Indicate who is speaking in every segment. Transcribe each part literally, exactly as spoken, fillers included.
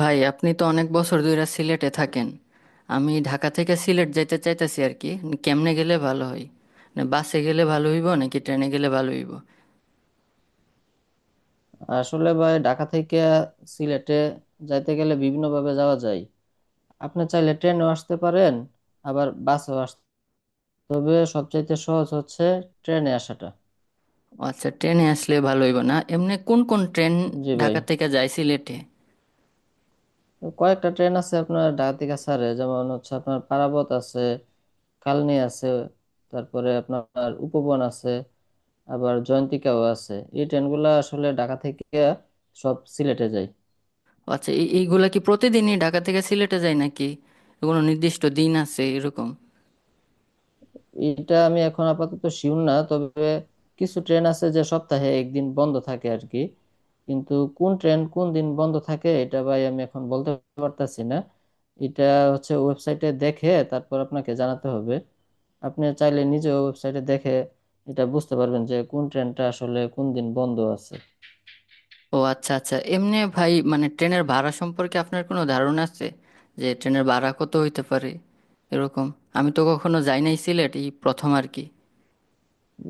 Speaker 1: ভাই, আপনি তো অনেক বছর ধরে সিলেটে থাকেন। আমি ঢাকা থেকে সিলেট যাইতে চাইতেছি আর কি। কেমনে গেলে ভালো হয়? না, বাসে গেলে ভালো হইব নাকি ট্রেনে গেলে ভালো হইব?
Speaker 2: আসলে ভাই ঢাকা থেকে সিলেটে যাইতে গেলে বিভিন্ন ভাবে যাওয়া যায়। আপনি চাইলে ট্রেনেও আসতে পারেন, আবার বাসেও আসতে। তবে সবচাইতে সহজ হচ্ছে ট্রেনে আসাটা।
Speaker 1: ও আচ্ছা, ট্রেনে আসলে ভালো হইব না? এমনি কোন কোন ট্রেন
Speaker 2: জি ভাই,
Speaker 1: ঢাকা থেকে যায় সিলেটে?
Speaker 2: তো কয়েকটা ট্রেন আছে আপনার ঢাকা থেকে ছাড়ে, যেমন হচ্ছে আপনার পারাবত আছে, কালনি আছে, তারপরে আপনার উপবন আছে, আবার জয়ন্তিকাও আছে। এই ট্রেনগুলো আসলে ঢাকা থেকে সব সিলেটে যায়।
Speaker 1: ও আচ্ছা, এই- এইগুলা কি প্রতিদিনই ঢাকা থেকে সিলেটে যায় নাকি কোনো নির্দিষ্ট দিন আছে এরকম?
Speaker 2: এটা আমি এখন আপাতত শিওর না, তবে কিছু ট্রেন আছে যে সপ্তাহে একদিন বন্ধ থাকে আর কি। কিন্তু কোন ট্রেন কোন দিন বন্ধ থাকে এটা ভাই আমি এখন বলতে পারতাছি না। এটা হচ্ছে ওয়েবসাইটে দেখে তারপর আপনাকে জানাতে হবে। আপনি চাইলে নিজে ওয়েবসাইটে দেখে এটা বুঝতে পারবেন যে কোন ট্রেনটা আসলে কোন দিন বন্ধ আছে।
Speaker 1: ও আচ্ছা আচ্ছা, এমনি ভাই, মানে ট্রেনের ভাড়া সম্পর্কে আপনার কোনো ধারণা আছে যে ট্রেনের ভাড়া কত হইতে পারে এরকম? আমি তো কখনো যাই নাই সিলেট, এই প্রথম আর কি।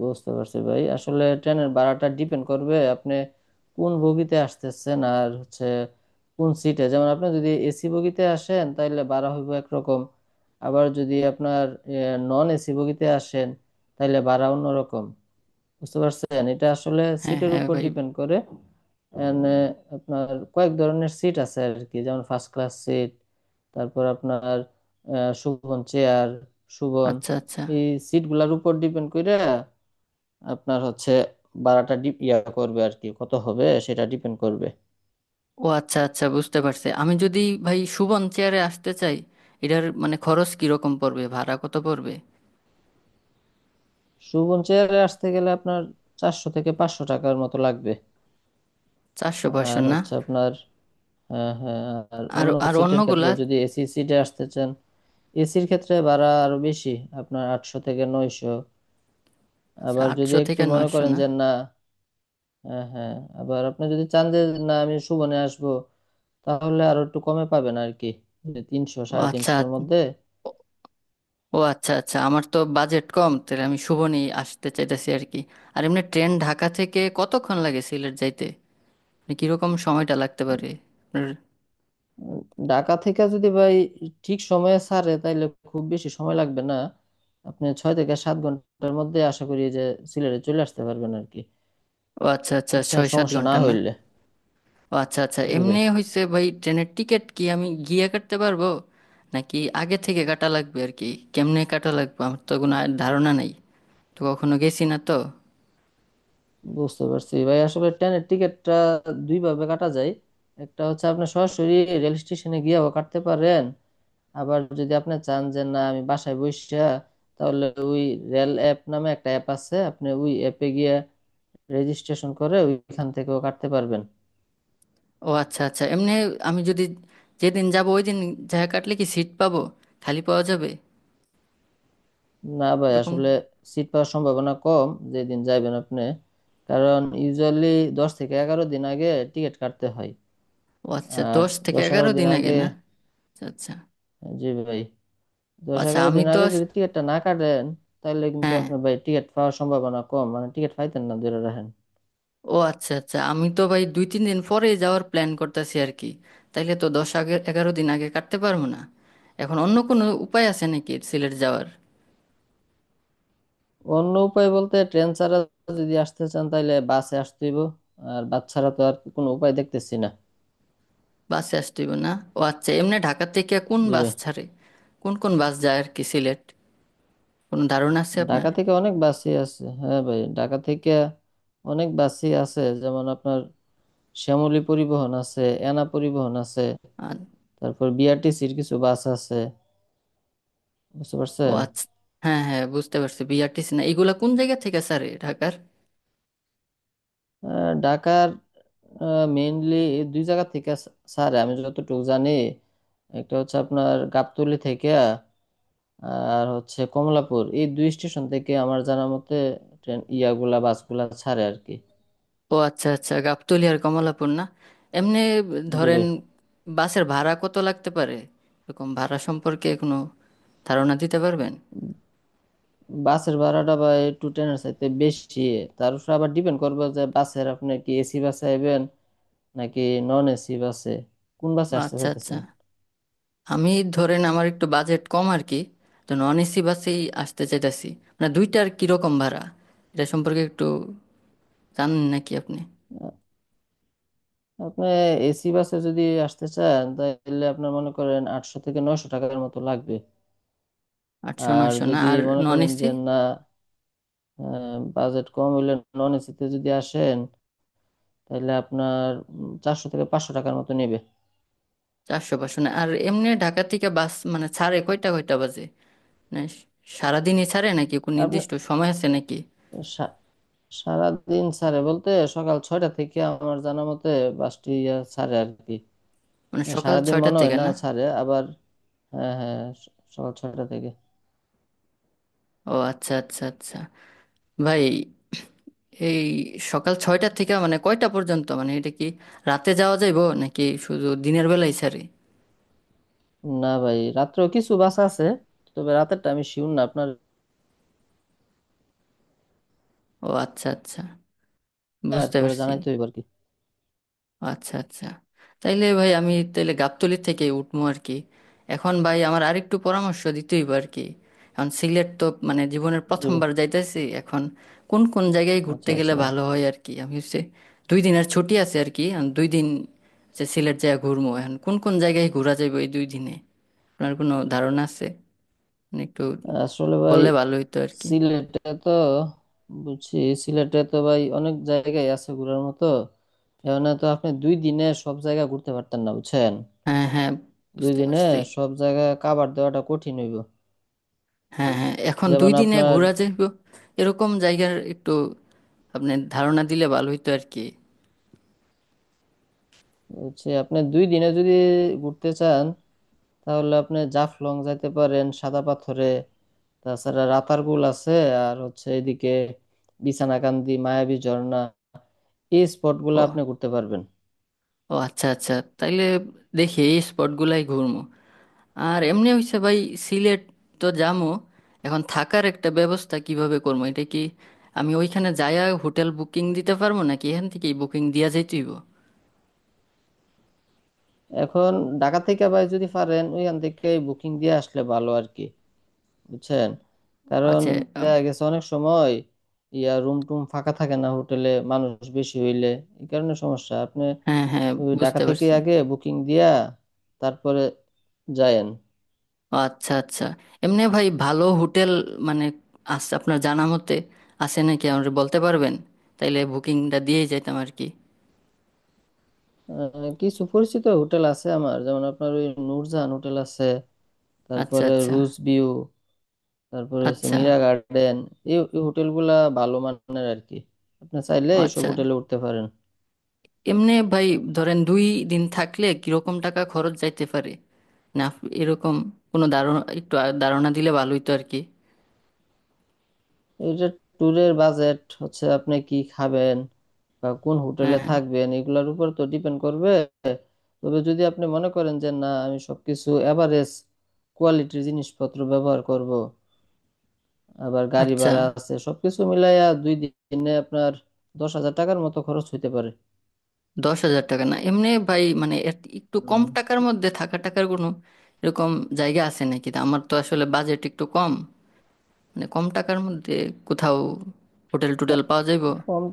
Speaker 2: বুঝতে পারছি ভাই, আসলে ট্রেনের ভাড়াটা ডিপেন্ড করবে আপনি কোন বগিতে আসতেছেন আর হচ্ছে কোন সিটে। যেমন আপনি যদি এসি বগিতে আসেন তাহলে ভাড়া হইব একরকম, আবার যদি আপনার নন এসি বগিতে আসেন তাহলে ভাড়া অন্যরকম। বুঝতে পারছেন, এটা আসলে
Speaker 1: হ্যাঁ
Speaker 2: সিটের
Speaker 1: হ্যাঁ
Speaker 2: উপর
Speaker 1: ভাই।
Speaker 2: ডিপেন্ড করে। And, আহ, আপনার কয়েক ধরনের সিট আছে আর কি, যেমন ফার্স্ট ক্লাস সিট, তারপর আপনার আহ, সুবন চেয়ার, সুবন
Speaker 1: আচ্ছা আচ্ছা।
Speaker 2: এই সিটগুলোর উপর ডিপেন্ড করে আপনার হচ্ছে ভাড়াটা ডি- ইয়া করবে আর কি, কত হবে সেটা ডিপেন্ড করবে।
Speaker 1: ও আচ্ছা আচ্ছা বুঝতে পারছি, আমি যদি ভাই শুভন চেয়ারে আসতে চাই এটার মানে খরচ কিরকম পড়বে, ভাড়া কত পড়বে?
Speaker 2: সুবন চেয়ারে আসতে গেলে আপনার চারশো থেকে পাঁচশো টাকার মতো লাগবে।
Speaker 1: চারশো পাঁচশো
Speaker 2: আর
Speaker 1: না?
Speaker 2: হচ্ছে আপনার, হ্যাঁ হ্যাঁ, আর
Speaker 1: আর
Speaker 2: অন্য
Speaker 1: আর
Speaker 2: সিটের ক্ষেত্রে
Speaker 1: অন্যগুলা?
Speaker 2: যদি এসি সিটে আসতে চান, এসির ক্ষেত্রে ভাড়া আরো বেশি, আপনার আটশো থেকে নয়শো।
Speaker 1: আচ্ছা,
Speaker 2: আবার যদি
Speaker 1: আটশো
Speaker 2: একটু
Speaker 1: থেকে
Speaker 2: মনে
Speaker 1: নয়শো
Speaker 2: করেন
Speaker 1: না?
Speaker 2: যে না, হ্যাঁ হ্যাঁ, আবার আপনি যদি চান যে না আমি সুবনে আসবো, তাহলে আরো একটু কমে পাবেন আর কি, যে তিনশো
Speaker 1: ও
Speaker 2: সাড়ে
Speaker 1: আচ্ছা।
Speaker 2: তিনশোর মধ্যে।
Speaker 1: ও আচ্ছা আচ্ছা, আমার তো বাজেট কম, তাহলে আমি শুভনই আসতে চাইতেছি আর কি। আর এমনি ট্রেন ঢাকা থেকে কতক্ষণ লাগে সিলেট যাইতে, মানে কিরকম সময়টা লাগতে পারে? আপনার-
Speaker 2: উম, ঢাকা থেকে যদি ভাই ঠিক সময়ে ছাড়ে তাইলে খুব বেশি সময় লাগবে না, আপনি ছয় থেকে সাত ঘন্টার মধ্যে আশা করি যে সিলেটে চলে আসতে পারবেন আর কি।
Speaker 1: ও আচ্ছা আচ্ছা,
Speaker 2: বুঝছেন,
Speaker 1: ছয় সাত
Speaker 2: সমস্যা না
Speaker 1: ঘন্টা না?
Speaker 2: হইলে।
Speaker 1: ও আচ্ছা আচ্ছা,
Speaker 2: জি ভাই,
Speaker 1: এমনি হয়েছে ভাই, ট্রেনের টিকিট কি আমি গিয়ে কাটতে পারবো নাকি আগে থেকে কাটা লাগবে আর কি? কেমনে কাটা লাগবে? আমার তো কোনো আ- ধারণা নাই, তো কখনো গেছি না তো।
Speaker 2: বুঝতে পারছি ভাই, আসলে ট্রেনের টিকিটটা দুই ভাবে কাটা যায়। একটা হচ্ছে আপনি সরাসরি রেল স্টেশনে গিয়েও কাটতে পারেন, আবার যদি আপনি চান যে না আমি বাসায় বসে, তাহলে ওই রেল অ্যাপ নামে একটা অ্যাপ আছে, আপনি ওই অ্যাপে গিয়ে রেজিস্ট্রেশন করে ওইখান থেকেও কাটতে পারবেন।
Speaker 1: ও আচ্ছা আচ্ছা, এমনি আমি যদি যেদিন যাব ওই দিন যা কাটলে কি সিট পাবো, খালি পাওয়া যাবে
Speaker 2: না ভাই,
Speaker 1: এরকম?
Speaker 2: আসলে সিট পাওয়ার সম্ভাবনা কম যেদিন যাইবেন আপনি, কারণ ইউজুয়ালি দশ থেকে এগারো দিন আগে টিকিট কাটতে হয়।
Speaker 1: ও আচ্ছা,
Speaker 2: আর
Speaker 1: দশ থেকে
Speaker 2: দশ এগারো
Speaker 1: এগারো
Speaker 2: দিন
Speaker 1: দিন আগে
Speaker 2: আগে,
Speaker 1: না? আচ্ছা আচ্ছা
Speaker 2: জি ভাই, দশ
Speaker 1: আচ্ছা,
Speaker 2: এগারো
Speaker 1: আমি
Speaker 2: দিন
Speaker 1: তো
Speaker 2: আগে
Speaker 1: আস-
Speaker 2: যদি টিকিটটা না কাটেন তাহলে কিন্তু
Speaker 1: হ্যাঁ।
Speaker 2: আপনি ভাই টিকিট পাওয়ার সম্ভাবনা কম, মানে টিকিট পাইতেন না ধরে রাখেন।
Speaker 1: ও আচ্ছা আচ্ছা, আমি তো ভাই দুই তিন দিন পরে যাওয়ার প্ল্যান করতেছি আর কি। তাইলে তো দশ আগে এগারো দিন আগে কাটতে পারবো না। এখন অন্য কোনো উপায় আছে নাকি সিলেট যাওয়ার?
Speaker 2: অন্য উপায় বলতে ট্রেন ছাড়া, যদি আসতে চান তাহলে বাসে আসতে হইব, আর বাস ছাড়া তো আর কোনো উপায় দেখতেছি না।
Speaker 1: বাসে আসতে হবে না? ও আচ্ছা, এমনি ঢাকা থেকে কোন
Speaker 2: জি
Speaker 1: বাস
Speaker 2: ভাই,
Speaker 1: ছাড়ে? কোন কোন বাস যায় আর কি সিলেট? কোনো ধারণা আছে আপনার?
Speaker 2: ঢাকা থেকে অনেক বাসই আছে। হ্যাঁ ভাই, ঢাকা থেকে অনেক বাসই আছে যেমন আপনার শ্যামলী পরিবহন আছে, এনা পরিবহন আছে,
Speaker 1: আর।
Speaker 2: তারপর বিআরটিসির কিছু বাস আছে, বুঝতে
Speaker 1: ও
Speaker 2: পারছেন।
Speaker 1: আচ্ছা, হ্যাঁ হ্যাঁ বুঝতে পারছি। বিআরটিসি না, এগুলা কোন জায়গা থেকে ছাড়ে ঢাকার?
Speaker 2: আহ, ঢাকার মেইনলি দুই জায়গা থেকে, স্যার আমি যতটুকু জানি, একটা হচ্ছে আপনার গাবতলী থেকে, আর হচ্ছে কমলাপুর, এই দুই স্টেশন থেকে আমার জানা মতে ট্রেন ইয়াগুলা বাসগুলা ছাড়ে আর কি।
Speaker 1: ও আচ্ছা আচ্ছা, গাবতলী আর কমলাপুর না? এমনি
Speaker 2: জি
Speaker 1: ধরেন
Speaker 2: ভাই,
Speaker 1: বাসের ভাড়া কত লাগতে পারে এরকম? ভাড়া সম্পর্কে কোনো ধারণা দিতে পারবেন?
Speaker 2: বাসের ভাড়াটা বা একটু ট্রেনের চাইতে বেশি, তার উপর আবার ডিপেন্ড করবে যে বাসের আপনি কি এসি বাসে আইবেন নাকি নন এসি বাসে, কোন বাসে আসতে
Speaker 1: আচ্ছা আচ্ছা,
Speaker 2: চাইতেছেন।
Speaker 1: আমি ধরেন আমার একটু বাজেট কম আর কি, তো নন এসি বাসেই আসতে চাইতেছি। মানে দুইটার কিরকম ভাড়া, এটা সম্পর্কে একটু জানেন নাকি আপনি?
Speaker 2: আপনি এসি বাসে যদি আসতে চান তাহলে আপনার মনে করেন আটশো থেকে নয়শো টাকার মতো লাগবে।
Speaker 1: আটশো
Speaker 2: আর
Speaker 1: নয়শো না?
Speaker 2: যদি
Speaker 1: আর
Speaker 2: মনে
Speaker 1: নন
Speaker 2: করেন
Speaker 1: এসি?
Speaker 2: যে না, বাজেট কম হইলে, নন এসিতে যদি আসেন তাহলে আপনার চারশো থেকে পাঁচশো টাকার মতো নেবে।
Speaker 1: চারশো পাঁচশো না? আর এমনি ঢাকা থেকে বাস মানে ছাড়ে কয়টা, কয়টা বাজে, মানে সারাদিনই ছাড়ে নাকি কোনো
Speaker 2: আপনি,
Speaker 1: নির্দিষ্ট সময় আছে নাকি?
Speaker 2: সা- সারাদিন ছাড়ে বলতে সকাল ছয়টা থেকে, আমার জানা মতে বাসটি আহ, ছাড়ে আর কি।
Speaker 1: মানে সকাল
Speaker 2: সারাদিন
Speaker 1: ছয়টার
Speaker 2: মনে হয়
Speaker 1: থেকে
Speaker 2: না
Speaker 1: না?
Speaker 2: ছাড়ে আবার। হ্যাঁ হ্যাঁ, স- সকাল ছয়টা থেকে।
Speaker 1: ও আচ্ছা আচ্ছা আচ্ছা ভাই, এই সকাল ছয়টার থেকে মানে কয়টা পর্যন্ত, মানে এটা কি রাতে যাওয়া যাইবো নাকি শুধু দিনের বেলায় ছাড়ে?
Speaker 2: না ভাই, রাত্রেও কিছু বাস আছে, তবে রাতেরটা আমি শিওর না আপনার।
Speaker 1: ও আচ্ছা আচ্ছা বুঝতে
Speaker 2: তারপরে
Speaker 1: পারছি।
Speaker 2: জানাই তো এবার কি
Speaker 1: আচ্ছা আচ্ছা, তাইলে ভাই আমি তাইলে গাবতলী থেকে উঠবো আর কি। এখন ভাই আমার আরেকটু পরামর্শ দিতেই আর কি। এখন সিলেট তো মানে জীবনের
Speaker 2: দিবে।
Speaker 1: প্রথমবার যাইতেছি, এখন কোন কোন জায়গায় ঘুরতে
Speaker 2: আচ্ছা
Speaker 1: গেলে
Speaker 2: আচ্ছা।
Speaker 1: ভালো হয় আর কি? আমি হচ্ছে দুই দিনের ছুটি আছে আর কি, এখন দুই দিন যে সিলেট জায়গা ঘুরবো, এখন কোন কোন জায়গায় ঘোরা যাবে এই দুই দিনে? আপনার কোনো ধারণা আছে, মানে একটু
Speaker 2: আসলে ভাই
Speaker 1: বললে ভালো হতো আর কি।
Speaker 2: সিলেটে তো, বুঝছি, সিলেটে তো ভাই অনেক জায়গায় আছে ঘোরার মতো, এখানে তো আপনি দুই দিনে সব জায়গা ঘুরতে পারতেন না, বুঝছেন।
Speaker 1: হ্যাঁ হ্যাঁ
Speaker 2: দুই
Speaker 1: বুঝতে
Speaker 2: দিনে
Speaker 1: পারছি।
Speaker 2: সব জায়গা কাভার দেওয়াটা কঠিন হইব।
Speaker 1: হ্যাঁ হ্যাঁ, এখন দুই
Speaker 2: যেমন
Speaker 1: দিনে
Speaker 2: আপনার
Speaker 1: ঘোরা যাইব এরকম জায়গার একটু আপনি ধারণা দিলে ভালো হইতো আর কি।
Speaker 2: হচ্ছে, আপনি দুই দিনে যদি ঘুরতে চান তাহলে আপনি জাফলং যাইতে পারেন, সাদা পাথরে, তাছাড়া রাতারগুল আছে, আর হচ্ছে এদিকে বিছানাকান্দি, মায়াবী ঝর্ণা, এই স্পটগুলো
Speaker 1: ও,
Speaker 2: আপনি ঘুরতে পারবেন।
Speaker 1: ও আচ্ছা আচ্ছা, তাইলে দেখি এই স্পটগুলাই ঘুরমু। আর এমনি হইছে ভাই, সিলেট তো যামু, এখন থাকার একটা ব্যবস্থা কিভাবে করবো এটা? কি আমি ওইখানে যায়া হোটেল বুকিং দিতে পারবো নাকি এখান থেকেই বুকিং দিয়া যাইতেইব?
Speaker 2: এখন ঢাকা থেকে ভাই যদি পারেন ওইখান থেকে বুকিং দিয়ে আসলে ভালো আর কি, বুঝছেন। কারণ
Speaker 1: আচ্ছা। আম,
Speaker 2: দেখা গেছে অনেক সময় ইয়া রুম টুম ফাঁকা থাকে না হোটেলে মানুষ বেশি হইলে, এই কারণে সমস্যা। আপনি
Speaker 1: হ্যাঁ হ্যাঁ
Speaker 2: ওই ঢাকা
Speaker 1: বুঝতে
Speaker 2: থেকে
Speaker 1: পারছি।
Speaker 2: আগে বুকিং দিয়া তারপরে যায়েন।
Speaker 1: আচ্ছা আচ্ছা, এমনি ভাই ভালো হোটেল মানে আছে আপনার জানা মতে, আছে নাকি আমাকে বলতে পারবেন? তাইলে বুকিংটা দিয়ে যাইতাম আর কি।
Speaker 2: আহ, কিছু পরিচিত হোটেল আছে আমার, যেমন আপনার ওই নূরজাহান হোটেল আছে,
Speaker 1: আচ্ছা
Speaker 2: তারপরে
Speaker 1: আচ্ছা
Speaker 2: রুজ ভিউ, তারপরে হচ্ছে
Speaker 1: আচ্ছা।
Speaker 2: মীরা গার্ডেন। এই এই হোটেলগুলা ভালো মানের আর কি, আপনি চাইলে
Speaker 1: ও
Speaker 2: এইসব
Speaker 1: আচ্ছা,
Speaker 2: হোটেলে উঠতে পারেন।
Speaker 1: এমনি ভাই ধরেন দুই দিন থাকলে কিরকম টাকা খরচ যাইতে পারে? না, আপ- এরকম কোনো ধারণা একটু আ- ধারণা দিলে ভালোই তো আর কি।
Speaker 2: এটা ট্যুরের বাজেট হচ্ছে আপনি কি খাবেন বা কোন
Speaker 1: হ্যাঁ
Speaker 2: হোটেলে
Speaker 1: হ্যাঁ।
Speaker 2: থাকবেন এগুলার উপর তো ডিপেন্ড করবে। তবে যদি আপনি মনে করেন যে না আমি সবকিছু এভারেজ কোয়ালিটির জিনিসপত্র ব্যবহার করব, আবার গাড়ি
Speaker 1: আচ্ছা।
Speaker 2: ভাড়া আছে সবকিছু মিলাইয়া দুই দিনে আপনার দশ হাজার টাকার মতো খরচ হইতে পারে।
Speaker 1: দশ হাজার টাকা না? এমনি ভাই মানে এর একটু কম
Speaker 2: উম,
Speaker 1: টাকার মধ্যে থাকা, টাকার কোনো এরকম জায়গা আছে নাকি? তা আমার তো আসলে বাজেট একটু কম, মানে কম টাকার মধ্যে কোথাও হোটেল টোটেল
Speaker 2: ক-
Speaker 1: পাওয়া যাইবো?
Speaker 2: কম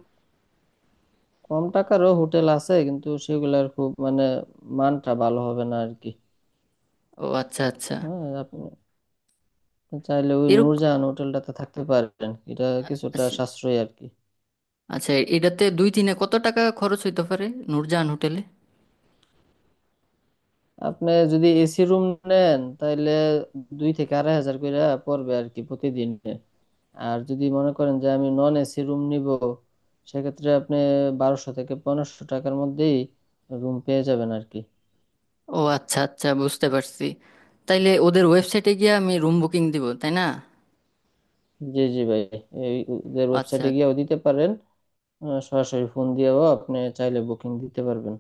Speaker 2: কম টাকারও হোটেল আছে কিন্তু সেগুলার খুব মানে মানটা ভালো হবে না আর কি।
Speaker 1: ও আচ্ছা আচ্ছা।
Speaker 2: হ্যাঁ আপনি, আপনি চাইলে ওই
Speaker 1: এরকম।
Speaker 2: নূরজাহান হোটেলটাতে থাকতে পারেন, এটা কিছুটা
Speaker 1: আচ্ছা।
Speaker 2: সাশ্রয়ী আর কি।
Speaker 1: আচ্ছা, এটাতে দুই দিনে কত টাকা খরচ হইতে পারে নূরজাহান হোটেলে?
Speaker 2: আপনি যদি এসি রুম নেন তাহলে দুই থেকে আড়াই হাজার করে পড়বে আর কি প্রতিদিনে। আর যদি মনে করেন যে আমি নন এসি রুম নিব, সেক্ষেত্রে আপনি বারোশো থেকে পনেরোশো টাকার মধ্যেই রুম পেয়ে যাবেন আর কি।
Speaker 1: ও আচ্ছা আচ্ছা বুঝতে পারছি। তাইলে ওদের ওয়েবসাইটে গিয়ে আমি রুম বুকিং দিব, তাই না?
Speaker 2: জি জি ভাই, এই ওদের
Speaker 1: আচ্ছা।
Speaker 2: ওয়েবসাইটে গিয়েও দিতে পারেন, আহ, সরাসরি ফোন দিয়েও আপনি চাইলে বুকিং দিতে পারবেন।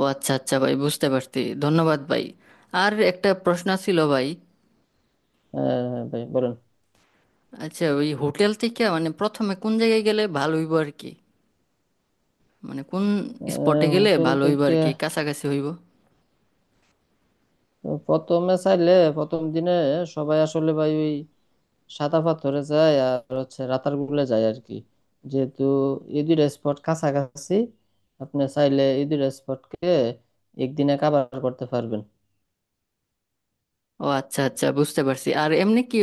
Speaker 1: ও আচ্ছা আচ্ছা ভাই বুঝতে পারছি, ধন্যবাদ ভাই। আর একটা প্রশ্ন ছিল ভাই।
Speaker 2: আহ, ভাই বলেন।
Speaker 1: আচ্ছা, ওই হোটেল থেকে মানে প্রথমে কোন জায়গায় গেলে ভালো হইব আর কি? মানে কোন স্পটে
Speaker 2: আহ,
Speaker 1: গেলে
Speaker 2: হোটেল
Speaker 1: ভালো হইব
Speaker 2: থেকে,
Speaker 1: আর কি, কাছাকাছি হইব?
Speaker 2: প্রথমে চাইলে প্রথম দিনে সবাই আসলে ভাই ওই সাদা পাথরে যায় আর হচ্ছে রাতারগুলে যায় আর কি, যেহেতু এই দুইটা স্পট কাছাকাছি, আপনি চাইলে এই দুইটা স্পটকে একদিনে কাভার করতে পারবেন।
Speaker 1: ও আচ্ছা আচ্ছা বুঝতে পারছি। আর এমনি কি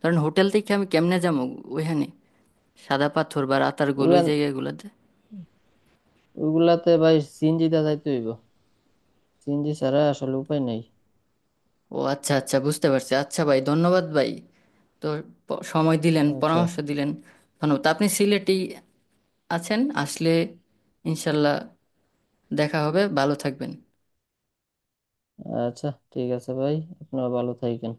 Speaker 1: ধরেন হোটেল থেকে আমি কেমনে যাবো ওইখানে, সাদা পাথর বা রাতারগুল
Speaker 2: ওই
Speaker 1: ওই
Speaker 2: আন-
Speaker 1: জায়গাগুলোতে?
Speaker 2: ওইগুলাতে ভাই সিএনজি দিয়ে যাইতে হইব, সিএনজি ছাড়া আসলে উপায় নেই।
Speaker 1: ও আচ্ছা আচ্ছা বুঝতে পারছি, আচ্ছা ভাই ধন্যবাদ ভাই। তো প- সময় দিলেন,
Speaker 2: আচ্ছা
Speaker 1: পরামর্শ দিলেন, ধন্যবাদ। আপনি সিলেটেই আছেন আসলে, ইনশাল্লাহ দেখা হবে। ভালো থাকবেন।
Speaker 2: আচ্ছা, ঠিক আছে ভাই, আপনিও ভালো থাকেন।